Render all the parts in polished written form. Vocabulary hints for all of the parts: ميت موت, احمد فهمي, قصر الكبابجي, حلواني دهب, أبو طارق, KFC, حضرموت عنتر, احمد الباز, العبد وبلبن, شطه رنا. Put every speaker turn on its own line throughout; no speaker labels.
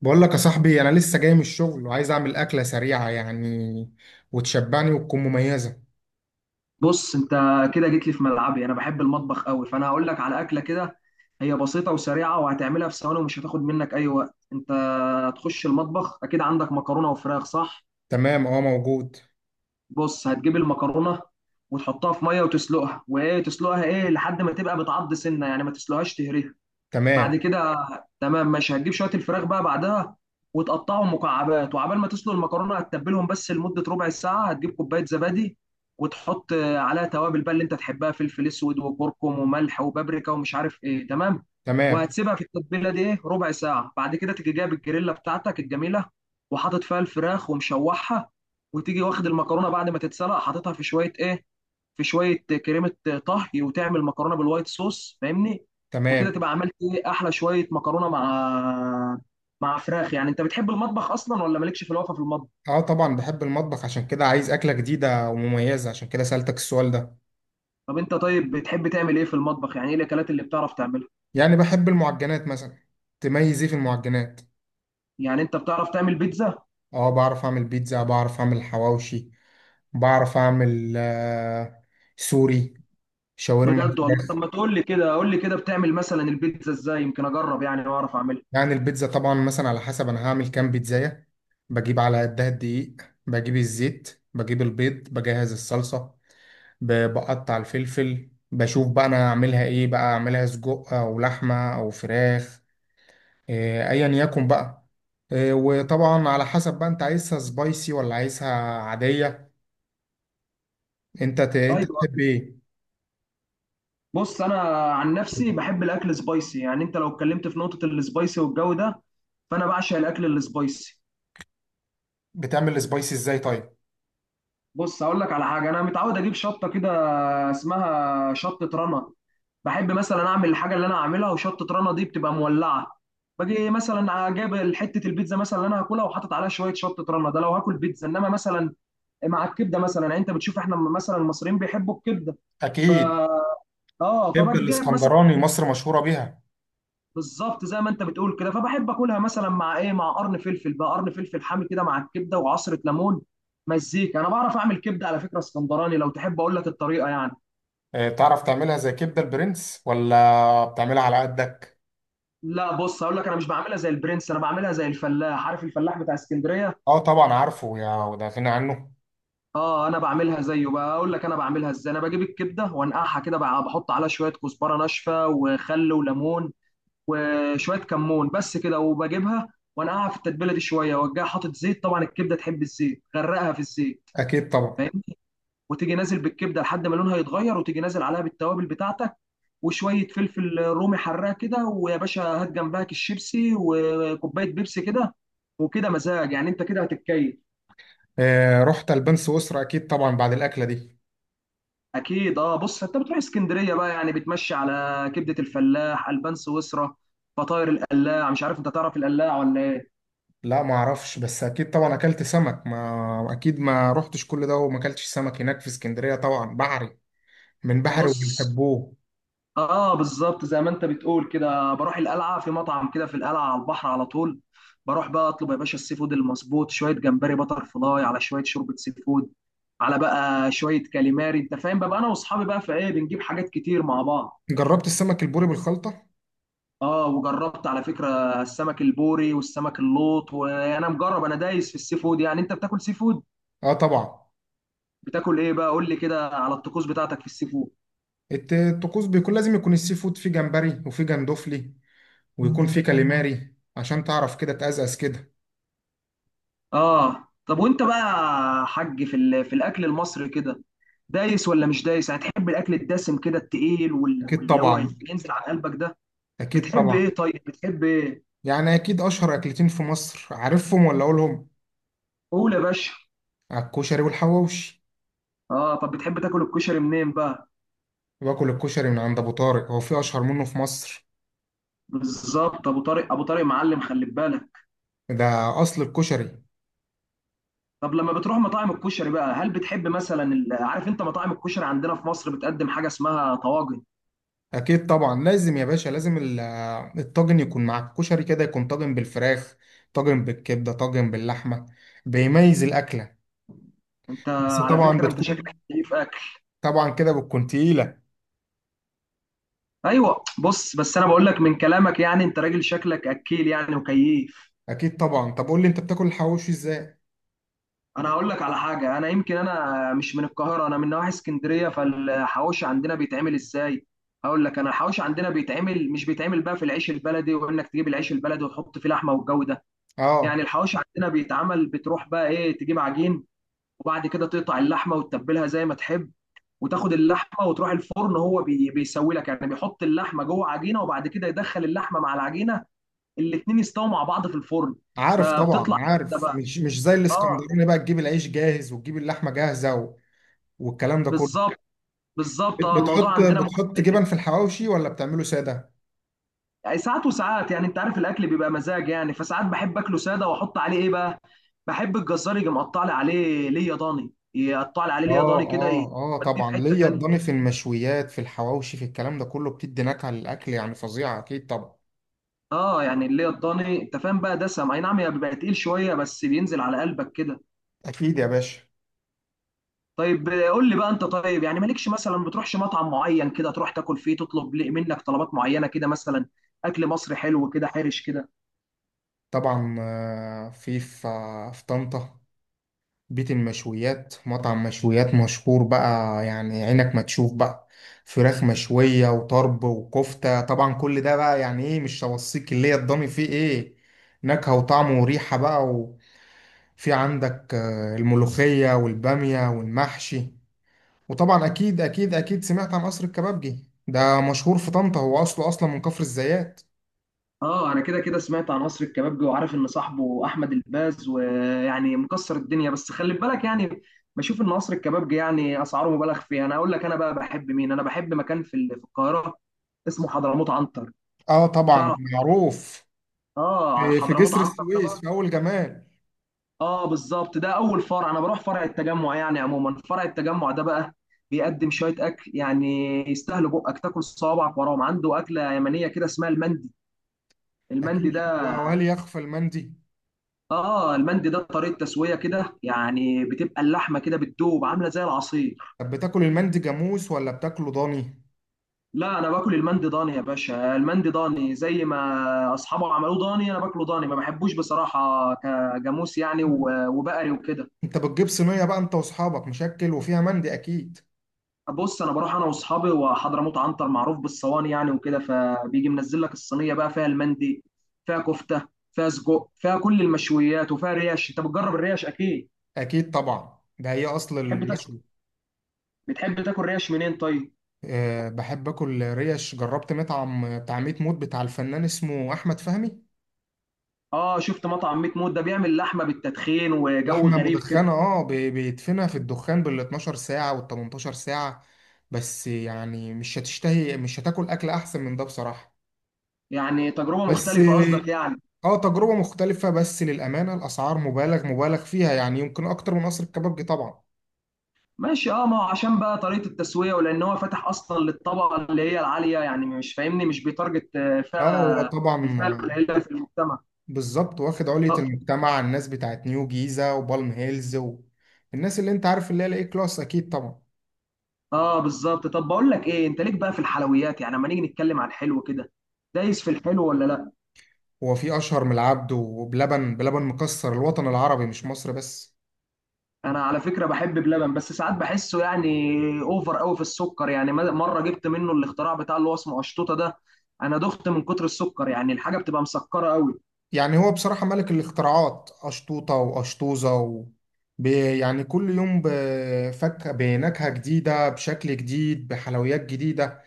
بقول لك يا صاحبي، انا لسه جاي من الشغل وعايز اعمل اكله سريعه يعني وتشبعني وتكون مميزه.
بص انت كده جيت لي في ملعبي، انا بحب المطبخ قوي فانا هقول لك على اكله كده. هي بسيطه وسريعه وهتعملها في ثواني ومش هتاخد منك اي وقت. انت هتخش المطبخ، اكيد عندك مكرونه وفراخ صح؟
تمام، اه موجود.
بص، هتجيب المكرونه وتحطها في ميه وتسلقها، وايه، تسلقها ايه لحد ما تبقى بتعض سنه، يعني ما تسلقهاش تهريها.
تمام.
بعد كده، تمام ماشي، هتجيب شويه الفراخ بقى بعدها وتقطعهم مكعبات، وعبال ما تسلق المكرونه هتتبلهم بس لمده ربع ساعه. هتجيب كوبايه زبادي وتحط عليها توابل بقى اللي انت تحبها، فلفل اسود وكركم وملح وبابريكا ومش عارف ايه. تمام،
تمام.
وهتسيبها في التتبيله دي ايه ربع ساعه. بعد كده تيجي جايب الجريلا بتاعتك الجميله وحاطط فيها الفراخ ومشوحها، وتيجي واخد المكرونه بعد ما تتسلق حاططها في شويه ايه، في شويه كريمه طهي، وتعمل مكرونه بالوايت صوص، فاهمني؟ وكده
تمام.
تبقى عملت ايه، احلى شويه مكرونه مع مع فراخ. يعني انت بتحب المطبخ اصلا ولا مالكش في الوقفه في المطبخ؟
اه طبعا بحب المطبخ، عشان كده عايز اكله جديده ومميزه، عشان كده سألتك السؤال ده.
طب انت طيب بتحب تعمل ايه في المطبخ، يعني ايه الاكلات اللي بتعرف تعملها؟
يعني بحب المعجنات مثلا. تميز ايه في المعجنات؟
يعني انت بتعرف تعمل بيتزا؟
اه، بعرف اعمل بيتزا، بعرف اعمل حواوشي، بعرف اعمل سوري، شاورما.
بجد والله؟ طب ما تقول لي كده، قول لي كده بتعمل مثلا البيتزا ازاي، يمكن اجرب يعني واعرف اعملها.
يعني البيتزا طبعا مثلا على حسب انا هعمل كام بيتزاية. بجيب على قدها الدقيق، بجيب الزيت، بجيب البيض، بجهز الصلصة. بقطع الفلفل، بشوف بقى انا هعملها ايه بقى، اعملها سجق او لحمة او فراخ. ايا يكن بقى. وطبعا على حسب بقى انت عايزها سبايسي ولا عايزها عادية. انت
ايوه،
تحب ايه؟
بص انا عن نفسي بحب الاكل سبايسي، يعني انت لو اتكلمت في نقطه السبايسي والجو ده فانا بعشق الاكل السبايسي.
بتعمل السبايسي ازاي طيب؟
بص هقول لك على حاجه، انا متعود اجيب شطه كده اسمها شطه رنا. بحب مثلا اعمل الحاجه اللي انا اعملها وشطه رنا دي بتبقى مولعه. باجي مثلا جايب حته البيتزا مثلا اللي انا هاكلها وحاطط عليها شويه شطه رنا، ده لو هاكل بيتزا، انما مثلا مع الكبده، مثلا. يعني انت بتشوف احنا مثلا المصريين بيحبوا الكبده. ف
اكيد.
اه
تحب
فباجي جايب مثلا.
الاسكندراني، مصر مشهورة بيها.
بالظبط زي ما انت بتقول كده، فبحب اكلها مثلا مع ايه، مع قرن فلفل بقى، قرن فلفل حامي كده مع الكبده وعصره ليمون، مزيكا. انا بعرف اعمل كبده على فكره اسكندراني، لو تحب اقول لك الطريقه يعني.
تعرف تعملها زي كبدة البرنس ولا بتعملها على قدك؟
لا، بص هقول لك، انا مش بعملها زي البرنس، انا بعملها زي الفلاح، عارف الفلاح بتاع اسكندريه.
اه طبعا عارفه، يا وده غني عنه.
اه انا بعملها زيه. بقى اقول لك انا بعملها ازاي: انا بجيب الكبده وانقعها كده بقى، بحط عليها شويه كزبره ناشفه وخل وليمون وشويه كمون، بس كده. وبجيبها وانقعها في التتبيله دي شويه، وارجع حاطط زيت. طبعا الكبده تحب الزيت، غرقها في الزيت،
اكيد طبعا.
فاهم؟ وتيجي نازل بالكبده لحد ما لونها يتغير، وتيجي نازل عليها بالتوابل بتاعتك وشويه فلفل رومي حراق كده. ويا باشا، هات جنبها كيس شيبسي وكوبايه بيبسي كده، وكده مزاج. يعني انت كده هتتكيف.
رحت البان سويسرا اكيد طبعا بعد الاكلة دي.
اكيد اه. بص انت بتروح اسكندريه بقى، يعني بتمشي على كبده الفلاح، البان سويسرا، فطاير القلاع. مش عارف انت تعرف القلاع ولا ايه.
لا ما اعرفش، بس اكيد طبعا اكلت سمك، ما اكيد ما رحتش كل ده وما اكلتش سمك هناك في اسكندرية، طبعا بحري، من بحري
بص،
وبنحبوه.
اه بالظبط زي ما انت بتقول كده، بروح القلعه في مطعم كده في القلعه على البحر على طول. بروح بقى اطلب يا باشا السي فود المظبوط، شويه جمبري بتر فلاي على شويه شوربه سي فود على بقى شويه كاليماري. انت فاهم بقى، انا واصحابي بقى في ايه، بنجيب حاجات كتير مع بعض.
جربت السمك البوري بالخلطة؟
اه وجربت على فكرة السمك البوري والسمك اللوط، وانا مجرب، انا دايس في السي فود. يعني انت بتاكل سي فود؟
اه طبعا.
بتاكل ايه بقى، قول لي كده على الطقوس بتاعتك في السي فود.
الطقوس بيكون لازم يكون السي فود فيه جمبري وفيه جندوفلي، ويكون فيه كاليماري عشان تعرف كده تقزقز كده.
اه طب وانت بقى يا حاج في الاكل المصري كده دايس ولا مش دايس؟ يعني تحب الاكل الدسم كده التقيل وال-
اكيد
واللي هو
طبعا.
ينزل على قلبك ده؟
اكيد
بتحب ايه
طبعا.
طيب، بتحب ايه؟
يعني اكيد اشهر اكلتين في مصر، عارفهم ولا اقولهم؟
قول يا باشا.
الكشري والحواوشي.
اه، طب بتحب تاكل الكشري منين بقى؟
باكل الكشري من عند ابو طارق، هو في اشهر منه في مصر؟
بالظبط، ابو طارق، ابو طارق معلم خلي بالك.
ده اصل الكشري.
طب لما بتروح مطاعم الكشري بقى هل بتحب مثلا عارف انت مطاعم الكشري عندنا في مصر بتقدم حاجه اسمها طواجن؟
اكيد طبعا، لازم يا باشا، لازم الطاجن يكون مع الكشري كده، يكون طاجن بالفراخ، طاجن بالكبده، طاجن باللحمه. بيميز الاكله.
انت
بس
على
طبعا
فكره انت شكلك
بتكون.
كيف اكل.
طبعا كده بتكون تقيله.
ايوه بص، بس انا بقول لك من كلامك، يعني انت راجل شكلك اكيل يعني، وكيف.
اكيد طبعا. طب قول لي انت بتاكل الحواوشي ازاي؟
انا هقول لك على حاجه، انا يمكن انا مش من القاهره، انا من نواحي اسكندريه، فالحواوشي عندنا بيتعمل ازاي هقول لك. انا الحواوشي عندنا بيتعمل، مش بيتعمل بقى في العيش البلدي وانك تجيب العيش البلدي وتحط فيه لحمه والجو ده. يعني
اه.
الحواوشي عندنا بيتعمل، بتروح بقى ايه تجيب عجين، وبعد كده تقطع اللحمه وتتبلها زي ما تحب، وتاخد اللحمه وتروح الفرن، هو بيسوي لك يعني، بيحط اللحمه جوه عجينه، وبعد كده يدخل اللحمه مع العجينه الاتنين يستووا مع بعض في الفرن.
عارف طبعا
فبتطلع كده
عارف،
بقى،
مش زي
اه.
الاسكندراني بقى تجيب العيش جاهز وتجيب اللحمه جاهزه. والكلام ده كله.
بالظبط، بالظبط،
بت-
اه الموضوع
بتحط
عندنا
بتحط
مختلف.
جبن في الحواوشي ولا بتعمله ساده؟
يعني ساعات وساعات، يعني انت عارف الاكل بيبقى مزاج، يعني فساعات بحب اكله ساده واحط عليه ايه بقى، بحب الجزار يجي مقطع لي عليه ليه ضاني، يقطع لي عليه ليه
اه،
ضاني كده يوديه
اه. اه
في
طبعا
حته
ليا الضاني
تانيه.
في المشويات، في الحواوشي، في الكلام ده كله، بتدي نكهه للاكل يعني فظيعه، اكيد طبعا.
اه، يعني اللي هي الضاني انت فاهم بقى، دسم اي نعم، هي بيبقى تقيل شويه بس بينزل على قلبك كده.
اكيد يا باشا.
طيب قول لي بقى انت طيب، يعني مالكش مثلا بتروحش مطعم معين كده تروح تاكل فيه تطلب منك طلبات معينه كده مثلا، اكل مصري حلو كده حرش كده؟
طبعا. في طنطا بيت المشويات، مطعم مشويات مشهور بقى، يعني عينك ما تشوف بقى فراخ مشوية وطرب وكفتة، طبعا كل ده بقى، يعني ايه، مش هوصيك اللي هي الضاني فيه ايه، نكهة وطعم وريحة بقى. في عندك الملوخية والبامية والمحشي. وطبعا أكيد أكيد أكيد سمعت عن قصر الكبابجي، ده مشهور في طنطا، هو أصله أصلا من كفر الزيات.
اه انا كده كده سمعت عن قصر الكبابجي، وعارف ان صاحبه احمد الباز ويعني مكسر الدنيا، بس خلي بالك يعني، بشوف ان قصر الكبابجي يعني اسعاره مبالغ فيها. انا اقول لك انا بقى بحب مين، انا بحب مكان في القاهره اسمه حضرموت عنتر،
آه طبعا.
تعرف؟
معروف.
اه
في في
حضرموت
جسر
عنتر.
السويس، في أول جمال.
اه بالظبط، ده اول فرع، انا بروح فرع التجمع. يعني عموما فرع التجمع ده بقى بيقدم شويه اكل يعني يستاهلوا بقك تاكل صوابعك وراهم. عنده اكله يمنيه كده اسمها المندي. المندي
أكيد،
ده
وهل يخفى المندي؟
اه، المندي ده طريقه تسويه كده، يعني بتبقى اللحمه كده بتدوب عامله زي العصير.
طب بتاكل المندي جاموس ولا بتاكله ضاني؟
لا انا باكل المندي ضاني يا باشا، المندي ضاني زي ما اصحابه عملوه ضاني، انا باكله ضاني، ما بحبوش بصراحه كجاموس يعني، و- وبقري وكده.
أنت بتجيب صينية بقى أنت وأصحابك مشكل وفيها مندي أكيد.
بص انا بروح انا واصحابي، وحضرموت عنتر معروف بالصواني، يعني وكده، فبيجي منزل لك الصينيه بقى فيها المندي، فيها كفته، فيها سجق، فيها كل المشويات، وفيها ريش. انت بتجرب الريش اكيد.
أكيد طبعا، ده هي أصل
بتحب تاكل
المشوي.
بتحب تاكل ريش منين طيب؟
بحب اكل ريش، جربت مطعم بتاع ميت موت بتاع الفنان اسمه احمد فهمي.
اه، شفت مطعم ميت موت ده بيعمل لحمه بالتدخين وجو
لحمه
غريب كده.
مدخنه، اه، بيدفنها في الدخان بال 12 ساعه وال 18 ساعه، بس يعني مش هتشتهي، مش هتاكل اكل احسن من ده بصراحه.
يعني تجربه
بس.
مختلفه قصدك يعني.
اه، تجربه مختلفه، بس للامانه الاسعار مبالغ مبالغ فيها يعني، يمكن اكتر من قصر الكبابجي طبعا.
ماشي اه، ما هو عشان بقى طريقه التسويه، ولان هو فاتح اصلا للطبقه اللي هي العاليه، يعني مش فاهمني، مش بيتارجت
اه هو
فئه،
طبعا.
الفئه القليله في المجتمع.
بالظبط، واخد علية
آه،
المجتمع، الناس بتاعت نيو جيزة وبالم هيلز. والناس اللي انت عارف اللي هي الاي كلاس، اكيد طبعا.
اه بالظبط. طب بقول لك ايه، انت ليك بقى في الحلويات يعني، اما نيجي نتكلم عن الحلو كده دايس في الحلو ولا لا؟
هو في اشهر من العبد وبلبن؟ بلبن مكسر الوطن العربي مش مصر بس.
انا على فكره بحب بلبن، بس ساعات بحسه يعني اوفر قوي في السكر. يعني مره جبت منه الاختراع بتاع اللي هو اسمه قشطوطه ده، انا دخت من كتر السكر، يعني الحاجه بتبقى مسكره قوي.
يعني هو بصراحة ملك الاختراعات، اشطوطة واشطوزة يعني كل يوم بفك بنكهة جديدة، بشكل جديد، بحلويات جديدة،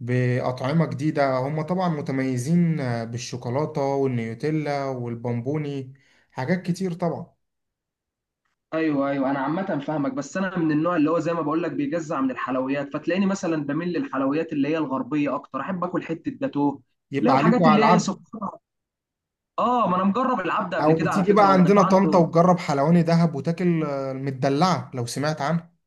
بأطعمة جديدة، هم طبعا متميزين. بالشوكولاتة والنيوتيلا والبامبوني، حاجات كتير طبعا.
ايوه، انا عامه فاهمك، بس انا من النوع اللي هو زي ما بقول لك بيجزع من الحلويات، فتلاقيني مثلا بميل للحلويات اللي هي الغربيه اكتر، احب اكل حته جاتوه، لا،
يبقى عليكوا
الحاجات
على
اللي هي
العبد.
سكر. اه ما انا مجرب العبد قبل
او
كده على
تيجي
فكره
بقى عندنا
والجاتوه عنده.
طنطا وتجرب حلواني دهب وتاكل المدلعة، لو سمعت عنها.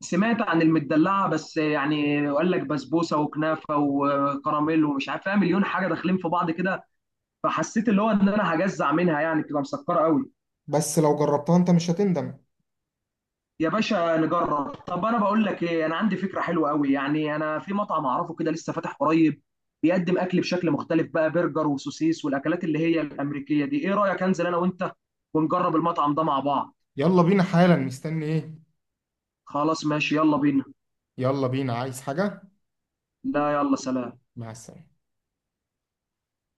سمعت عن المدلعه، بس يعني وقال لك بسبوسه وكنافه وكراميل ومش عارف فيها مليون حاجه داخلين في بعض كده، فحسيت اللي هو ان انا هجزع منها، يعني بتبقى مسكره قوي.
بس لو جربتها انت مش هتندم.
يا باشا نجرب. طب انا بقول لك ايه، انا عندي فكره حلوه قوي يعني، انا في مطعم اعرفه كده لسه فاتح قريب بيقدم اكل بشكل مختلف بقى، برجر وسوسيس والاكلات اللي هي الامريكيه دي. ايه رايك انزل انا وانت ونجرب المطعم ده مع بعض؟
يلا بينا حالا، مستني ايه؟
خلاص ماشي يلا بينا.
يلا بينا، عايز حاجة؟
لا يلا، سلام.
مع السلامة.